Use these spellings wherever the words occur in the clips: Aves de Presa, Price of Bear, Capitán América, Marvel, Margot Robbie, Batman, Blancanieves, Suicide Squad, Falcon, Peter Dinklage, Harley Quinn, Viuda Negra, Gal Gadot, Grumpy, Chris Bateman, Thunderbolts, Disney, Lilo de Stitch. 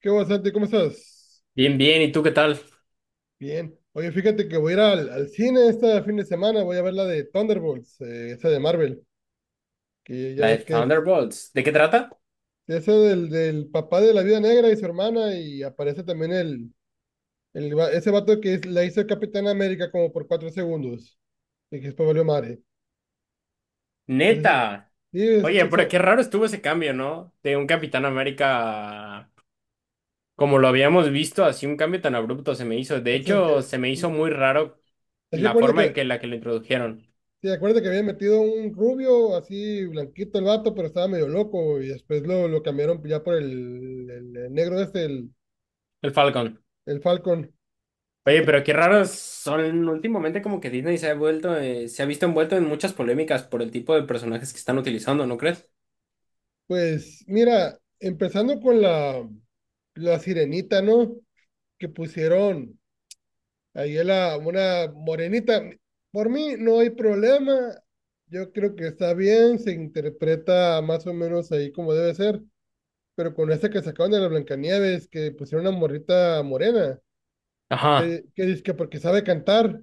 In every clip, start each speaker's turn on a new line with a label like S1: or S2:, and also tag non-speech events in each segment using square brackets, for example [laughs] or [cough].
S1: ¿Qué onda, Santi? ¿Cómo estás?
S2: Bien, bien, ¿y tú qué tal?
S1: Bien. Oye, fíjate que voy a ir al cine este fin de semana, voy a ver la de Thunderbolts, esa de Marvel, que ya
S2: La de
S1: ves que es
S2: Thunderbolts. ¿De qué trata?
S1: esa del papá de la Viuda Negra y su hermana, y aparece también ese vato que la hizo Capitán América como por 4 segundos, y que después valió madre. Es decir,
S2: Neta.
S1: sí,
S2: Oye, pero qué raro estuvo ese cambio, ¿no? De un Capitán América, a como lo habíamos visto, así un cambio tan abrupto se me hizo.
S1: o
S2: De
S1: sea,
S2: hecho, se me hizo muy raro
S1: es que
S2: la
S1: acuérdate
S2: forma en
S1: que
S2: que la que lo introdujeron,
S1: Sí, acuérdate que habían metido un rubio, así blanquito el vato, pero estaba medio loco y después lo cambiaron ya por el negro este,
S2: el Falcon.
S1: el Falcon. Sí,
S2: Oye,
S1: t-
S2: pero qué raro son últimamente como que Disney se ha vuelto, se ha visto envuelto en muchas polémicas por el tipo de personajes que están utilizando, ¿no crees?
S1: Pues mira, empezando con la sirenita, ¿no? Que pusieron ahí a la, una morenita. Por mí no hay problema, yo creo que está bien, se interpreta más o menos ahí como debe ser, pero con esta que sacaron de la Blancanieves, que pusieron una morrita morena,
S2: Ajá,
S1: que dice que porque sabe cantar.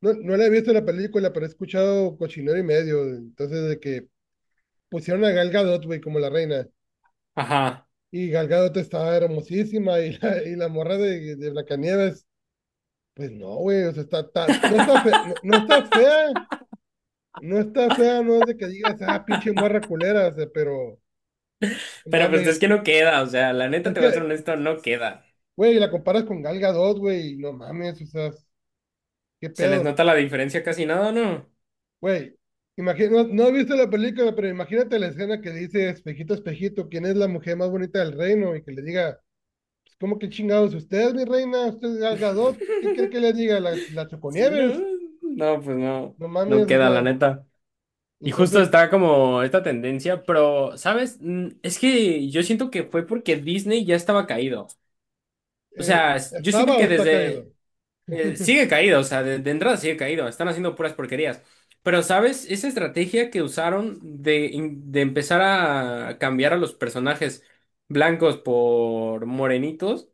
S1: No, no la he visto la película, pero he escuchado cochinero y medio. Entonces, de que pusieron a Gal Gadot, güey, como la reina.
S2: ajá.
S1: Y Gal Gadot está hermosísima y la morra de Blancanieves, pues no, güey, o sea, no está fea, no, no está fea, no está fea, no es de que digas, ah, pinche morra culera, o sea, pero
S2: Pero pues
S1: mames,
S2: es que no queda, o sea, la neta
S1: es
S2: te voy a ser
S1: que,
S2: honesto, no queda.
S1: güey, la comparas con Gal Gadot, güey, y no mames, o sea, qué
S2: Se les
S1: pedo.
S2: nota la diferencia casi nada, ¿no?
S1: Güey, imagina, no, no he visto la película, pero imagínate la escena que dice espejito, espejito, ¿quién es la mujer más bonita del reino? Y que le diga, pues, ¿cómo que chingados? ¿Usted es mi reina? ¿Usted es Gal Gadot? ¿Qué quiere que le diga? ¿La
S2: Sí, no,
S1: Choconieves?
S2: no, pues no,
S1: No
S2: no
S1: mames, o
S2: queda, la
S1: sea,
S2: neta. Y justo
S1: entonces,
S2: está como esta tendencia, pero, ¿sabes? Es que yo siento que fue porque Disney ya estaba caído. O sea, yo siento
S1: ¿estaba o
S2: que
S1: está caído?
S2: desde...
S1: [laughs]
S2: sigue caído, o sea, de entrada sigue caído, están haciendo puras porquerías. Pero, ¿sabes? Esa estrategia que usaron de empezar a cambiar a los personajes blancos por morenitos.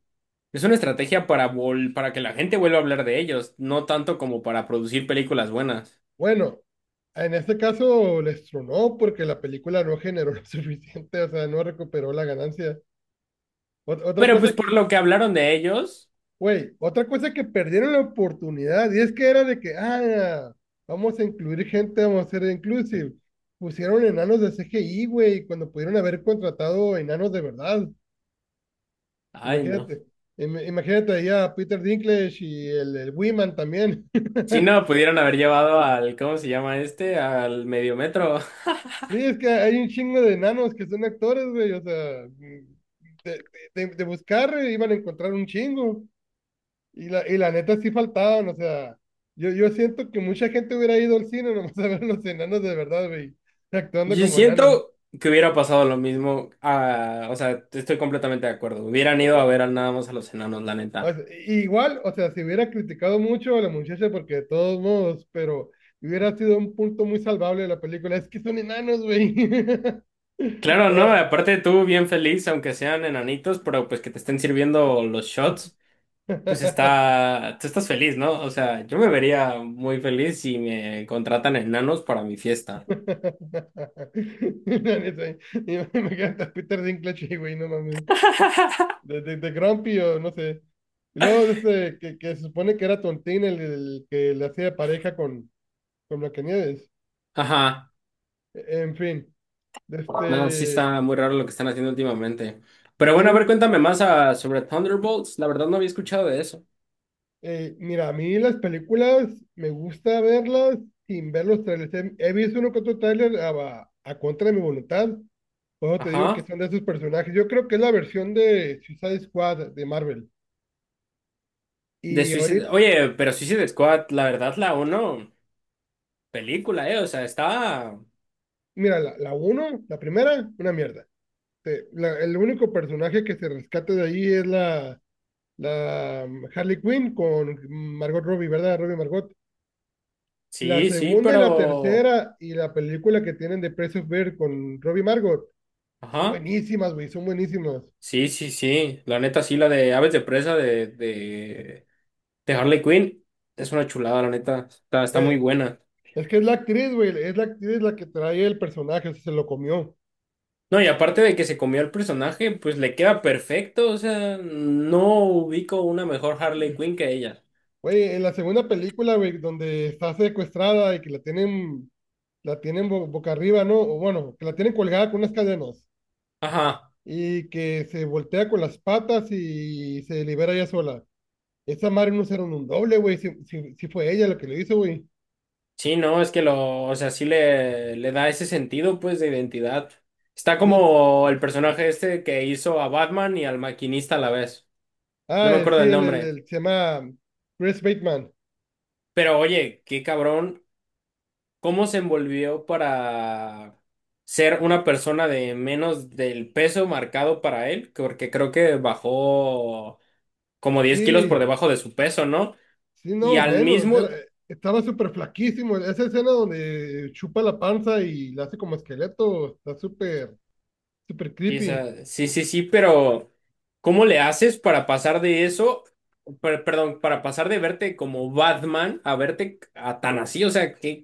S2: Es una estrategia para, para que la gente vuelva a hablar de ellos, no tanto como para producir películas buenas.
S1: Bueno, en este caso les tronó porque la película no generó lo [laughs] suficiente, o sea, no recuperó la ganancia. Ot- Otra
S2: Pero
S1: cosa
S2: pues
S1: que
S2: por lo que hablaron de ellos,
S1: Güey, otra cosa que perdieron la oportunidad, y es que era de que, ah, vamos a incluir gente, vamos a ser inclusive. Pusieron enanos de CGI, güey, cuando pudieron haber contratado enanos de verdad.
S2: ay no.
S1: Imagínate, imagínate ahí a Peter Dinklage y el Wiman también. [laughs]
S2: Si no, pudieron haber llevado al, ¿cómo se llama este? Al medio metro.
S1: Sí, es que hay un chingo de enanos que son actores, güey, o sea, de, de buscar, iban a encontrar un chingo. Y la neta sí faltaban, o sea, yo siento que mucha gente hubiera ido al cine [laughs] nomás a ver los enanos de verdad, güey,
S2: [laughs]
S1: actuando
S2: Yo
S1: como enanos.
S2: siento que hubiera pasado lo mismo. Ah, o sea, estoy completamente de acuerdo. Hubieran
S1: O
S2: ido a
S1: sea,
S2: ver al nada más a los enanos, la
S1: o
S2: neta.
S1: sea, igual, o sea, se hubiera criticado mucho a la muchacha porque de todos modos, pero hubiera sido un punto muy salvable de la película. Es que son enanos, güey. [laughs]
S2: Claro, no,
S1: Ah.
S2: aparte tú bien feliz, aunque sean enanitos, pero pues que te estén sirviendo los shots. Pues
S1: [laughs]
S2: está, tú estás feliz, ¿no? O sea, yo me vería muy feliz si me contratan enanos para mi fiesta.
S1: No, ni sé. Y me encanta Peter Dinklage, güey, no mames.
S2: [laughs]
S1: De Grumpy o no sé. Y luego este, que se supone que era Tontín el que le hacía pareja con Blancanieves.
S2: Ajá,
S1: En fin,
S2: no, sí
S1: este,
S2: está muy raro lo que están haciendo últimamente. Pero bueno, a ver,
S1: hicieron,
S2: cuéntame más sobre Thunderbolts. La verdad no había escuchado de eso.
S1: mira, a mí las películas me gusta verlas sin ver los trailers. He visto uno que otro trailer a contra de mi voluntad. Por eso te digo que
S2: Ajá,
S1: son de esos personajes. Yo creo que es la versión de Suicide Squad de Marvel.
S2: de
S1: Y
S2: Suicide.
S1: ahorita,
S2: Oye, pero Suicide Squad, la verdad, la uno película, ¿eh? O sea, está.
S1: mira, la primera, una mierda. Este, el único personaje que se rescata de ahí es la Harley Quinn con Margot Robbie, ¿verdad? Robbie Margot. La
S2: Sí, sí,
S1: segunda y la
S2: pero.
S1: tercera y la película que tienen de Price of Bear con Robbie Margot son
S2: Ajá,
S1: buenísimas, güey, son buenísimas.
S2: sí, sí, sí. La neta, sí, la de Aves de Presa de Harley Quinn es una chulada, la neta. Está, está muy
S1: Eh,
S2: buena.
S1: es que es la actriz, güey, es la actriz la que trae el personaje, o sea, se lo comió.
S2: No, y aparte de que se comió el personaje, pues le queda perfecto. O sea, no ubico una mejor Harley Quinn que ella.
S1: Güey, en la segunda película, güey, donde está secuestrada y que la tienen boca arriba, ¿no? O bueno, que la tienen colgada con unas cadenas,
S2: Ajá.
S1: y que se voltea con las patas y se libera ella sola. Esa madre no hicieron un doble, güey. Si fue ella la que lo hizo, güey.
S2: Sí, no, es que lo, o sea, sí le da ese sentido, pues, de identidad. Está
S1: Sí.
S2: como el personaje este que hizo a Batman y al maquinista a la vez. No
S1: Ah,
S2: me
S1: el,
S2: acuerdo
S1: sí,
S2: del nombre.
S1: el- se llama Chris Bateman.
S2: Pero oye, qué cabrón. ¿Cómo se envolvió para ser una persona de menos del peso marcado para él? Porque creo que bajó como 10 kilos por
S1: Sí,
S2: debajo de su peso, ¿no?
S1: sí,
S2: Y
S1: no,
S2: al
S1: menos. Era,
S2: mismo,
S1: estaba súper flaquísimo. Esa escena donde chupa la panza y la hace como esqueleto está súper, súper
S2: sí, o
S1: creepy.
S2: sea, sí, sí, sí, pero ¿cómo le haces para pasar de eso, perdón, para pasar de verte como Batman a verte a tan así? O sea, qué,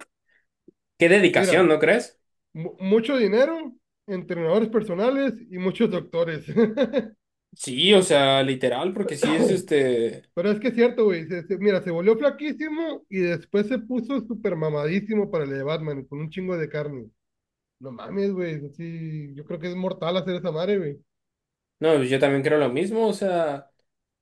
S2: qué
S1: Mira,
S2: dedicación, ¿no crees?
S1: mucho dinero, entrenadores personales y muchos doctores. [coughs]
S2: Sí, o sea, literal, porque sí es
S1: [laughs]
S2: este.
S1: Pero es que es cierto, güey. Mira, se volvió flaquísimo y después se puso súper mamadísimo para el de Batman, con un chingo de carne. No mames, güey. Sí, yo creo que es mortal hacer esa madre, güey.
S2: No, yo también creo lo mismo, o sea,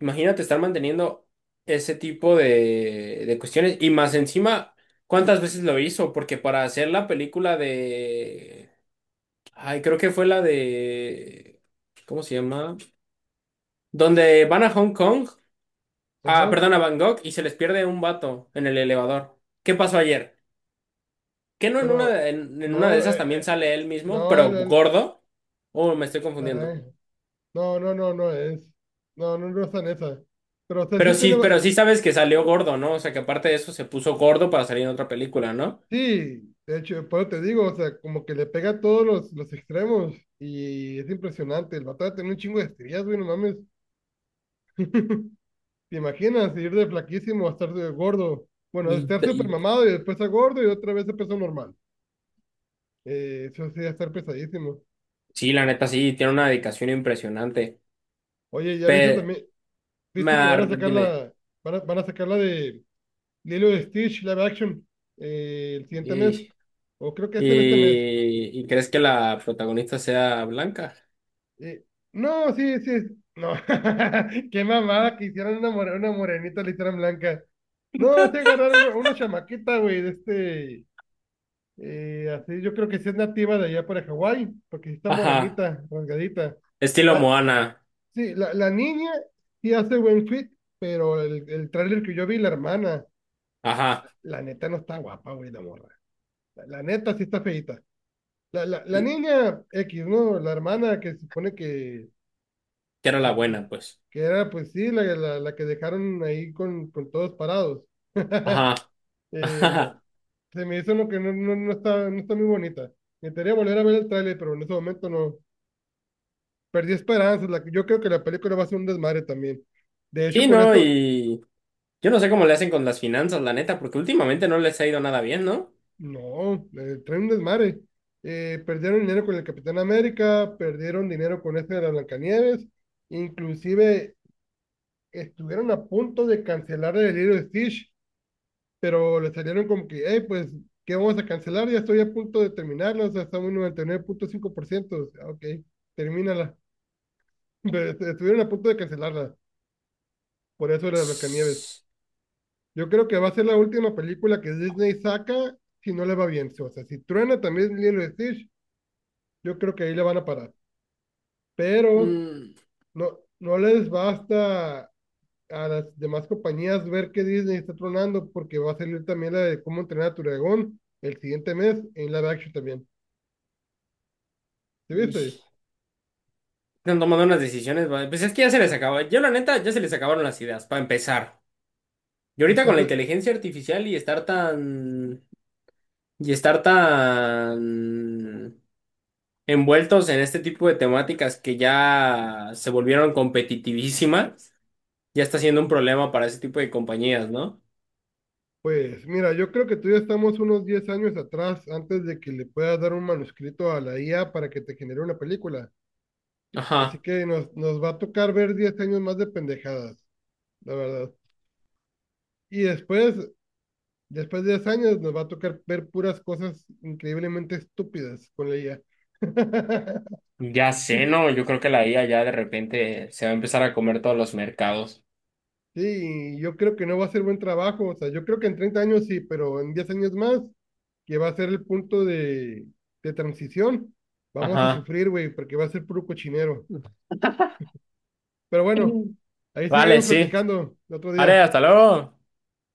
S2: imagínate estar manteniendo ese tipo de cuestiones y más encima, ¿cuántas veces lo hizo? Porque para hacer la película de... Ay, creo que fue la de... ¿Cómo se llama? Donde van a Hong Kong, ah,
S1: Ajá.
S2: perdón, a Bangkok y se les pierde un vato en el elevador. ¿Qué pasó ayer? ¿Que no en una
S1: Pero,
S2: de, en una de
S1: no,
S2: esas también sale él mismo,
S1: no,
S2: pero gordo? ¿O me estoy confundiendo?
S1: caray. No, no, no, no es. No, no, no es tan esa. Pero, o sea, sí tiene.
S2: Pero sí sabes que salió gordo, ¿no? O sea, que aparte de eso se puso gordo para salir en otra película, ¿no?
S1: Sí, de hecho, por eso te digo, o sea, como que le pega a todos los extremos. Y es impresionante. El vato tiene un chingo de estrías, güey, no mames. ¿Te imaginas ir de flaquísimo a estar de gordo? Bueno, de
S2: Y,
S1: estar súper
S2: y-
S1: mamado y después a gordo y otra vez a peso normal. Eso sí, va a estar pesadísimo.
S2: sí, la neta, sí, tiene una dedicación impresionante.
S1: Oye, ya viste
S2: Pero,
S1: también, viste que van a sacar
S2: dime,
S1: la, van a sacar la de Lilo de Stitch live action, el siguiente mes,
S2: y,
S1: o creo que es en este mes.
S2: ¿y crees que la protagonista sea blanca?
S1: Eh, no, sí, sí, no. [laughs] Qué mamada que hicieron una, una morenita, la hicieron blanca. No, se agarraron una chamaquita, güey, de este. Así, yo creo que sí es nativa de allá para Hawái, porque sí está
S2: Ajá,
S1: morenita, rasgadita.
S2: estilo
S1: La,
S2: Moana,
S1: sí, la niña sí hace buen fit, pero el tráiler que yo vi, la hermana,
S2: ajá,
S1: la neta no está guapa, güey, la morra. La neta sí está feita.
S2: que
S1: La niña X, ¿no? La hermana que se supone
S2: era la buena, pues.
S1: que era, pues sí, la que dejaron ahí con todos parados.
S2: Ajá,
S1: [laughs]
S2: [laughs]
S1: No,
S2: ajá.
S1: se me hizo lo que no está, no está muy bonita. Me gustaría volver a ver el tráiler, pero en ese momento no. Perdí esperanzas. La, yo creo que la película va a ser un desmadre también. De hecho,
S2: Sí,
S1: con
S2: ¿no?
S1: esto,
S2: Y yo no sé cómo le hacen con las finanzas, la neta, porque últimamente no les ha ido nada bien, ¿no?
S1: no, traen un desmadre. Perdieron dinero con el Capitán América, perdieron dinero con este de la Blancanieves, inclusive estuvieron a punto de cancelar el libro de Stitch, pero le salieron como que, hey, pues, ¿qué vamos a cancelar? Ya estoy a punto de terminarla, o sea, estamos en 99,5%, o sea, ok, termínala. [laughs] Pero estuvieron a punto de cancelarla, por eso era de Blancanieves. Yo creo que va a ser la última película que Disney saca si no le va bien. O sea, si truena también Lilo y Stitch, yo creo que ahí le van a parar. Pero
S2: Mm,
S1: no, no les basta a las demás compañías ver que Disney está tronando porque va a salir también la de cómo entrenar a tu dragón el siguiente mes en live action también. ¿Sí
S2: ij.
S1: viste?
S2: Están tomando unas decisiones, pues es que ya se les acabó. Yo, la neta, ya se les acabaron las ideas, para empezar. Y
S1: Y
S2: ahorita con
S1: están,
S2: la
S1: re-
S2: inteligencia artificial y estar tan. Y estar tan envueltos en este tipo de temáticas que ya se volvieron competitivísimas, ya está siendo un problema para ese tipo de compañías, ¿no?
S1: pues mira, yo creo que tú ya estamos unos 10 años atrás antes de que le puedas dar un manuscrito a la IA para que te genere una película. Así
S2: Ajá.
S1: que nos va a tocar ver 10 años más de pendejadas, la verdad. Y después, después de 10 años, nos va a tocar ver puras cosas increíblemente estúpidas con la IA. [laughs]
S2: Ya sé, ¿no? Yo creo que la IA ya de repente se va a empezar a comer todos los mercados.
S1: Sí, yo creo que no va a ser buen trabajo. O sea, yo creo que en 30 años sí, pero en 10 años más, que va a ser el punto de transición, vamos a
S2: Ajá.
S1: sufrir, güey, porque va a ser puro cochinero. Pero bueno, ahí
S2: Vale,
S1: seguimos
S2: sí.
S1: platicando el otro
S2: Vale,
S1: día.
S2: hasta luego.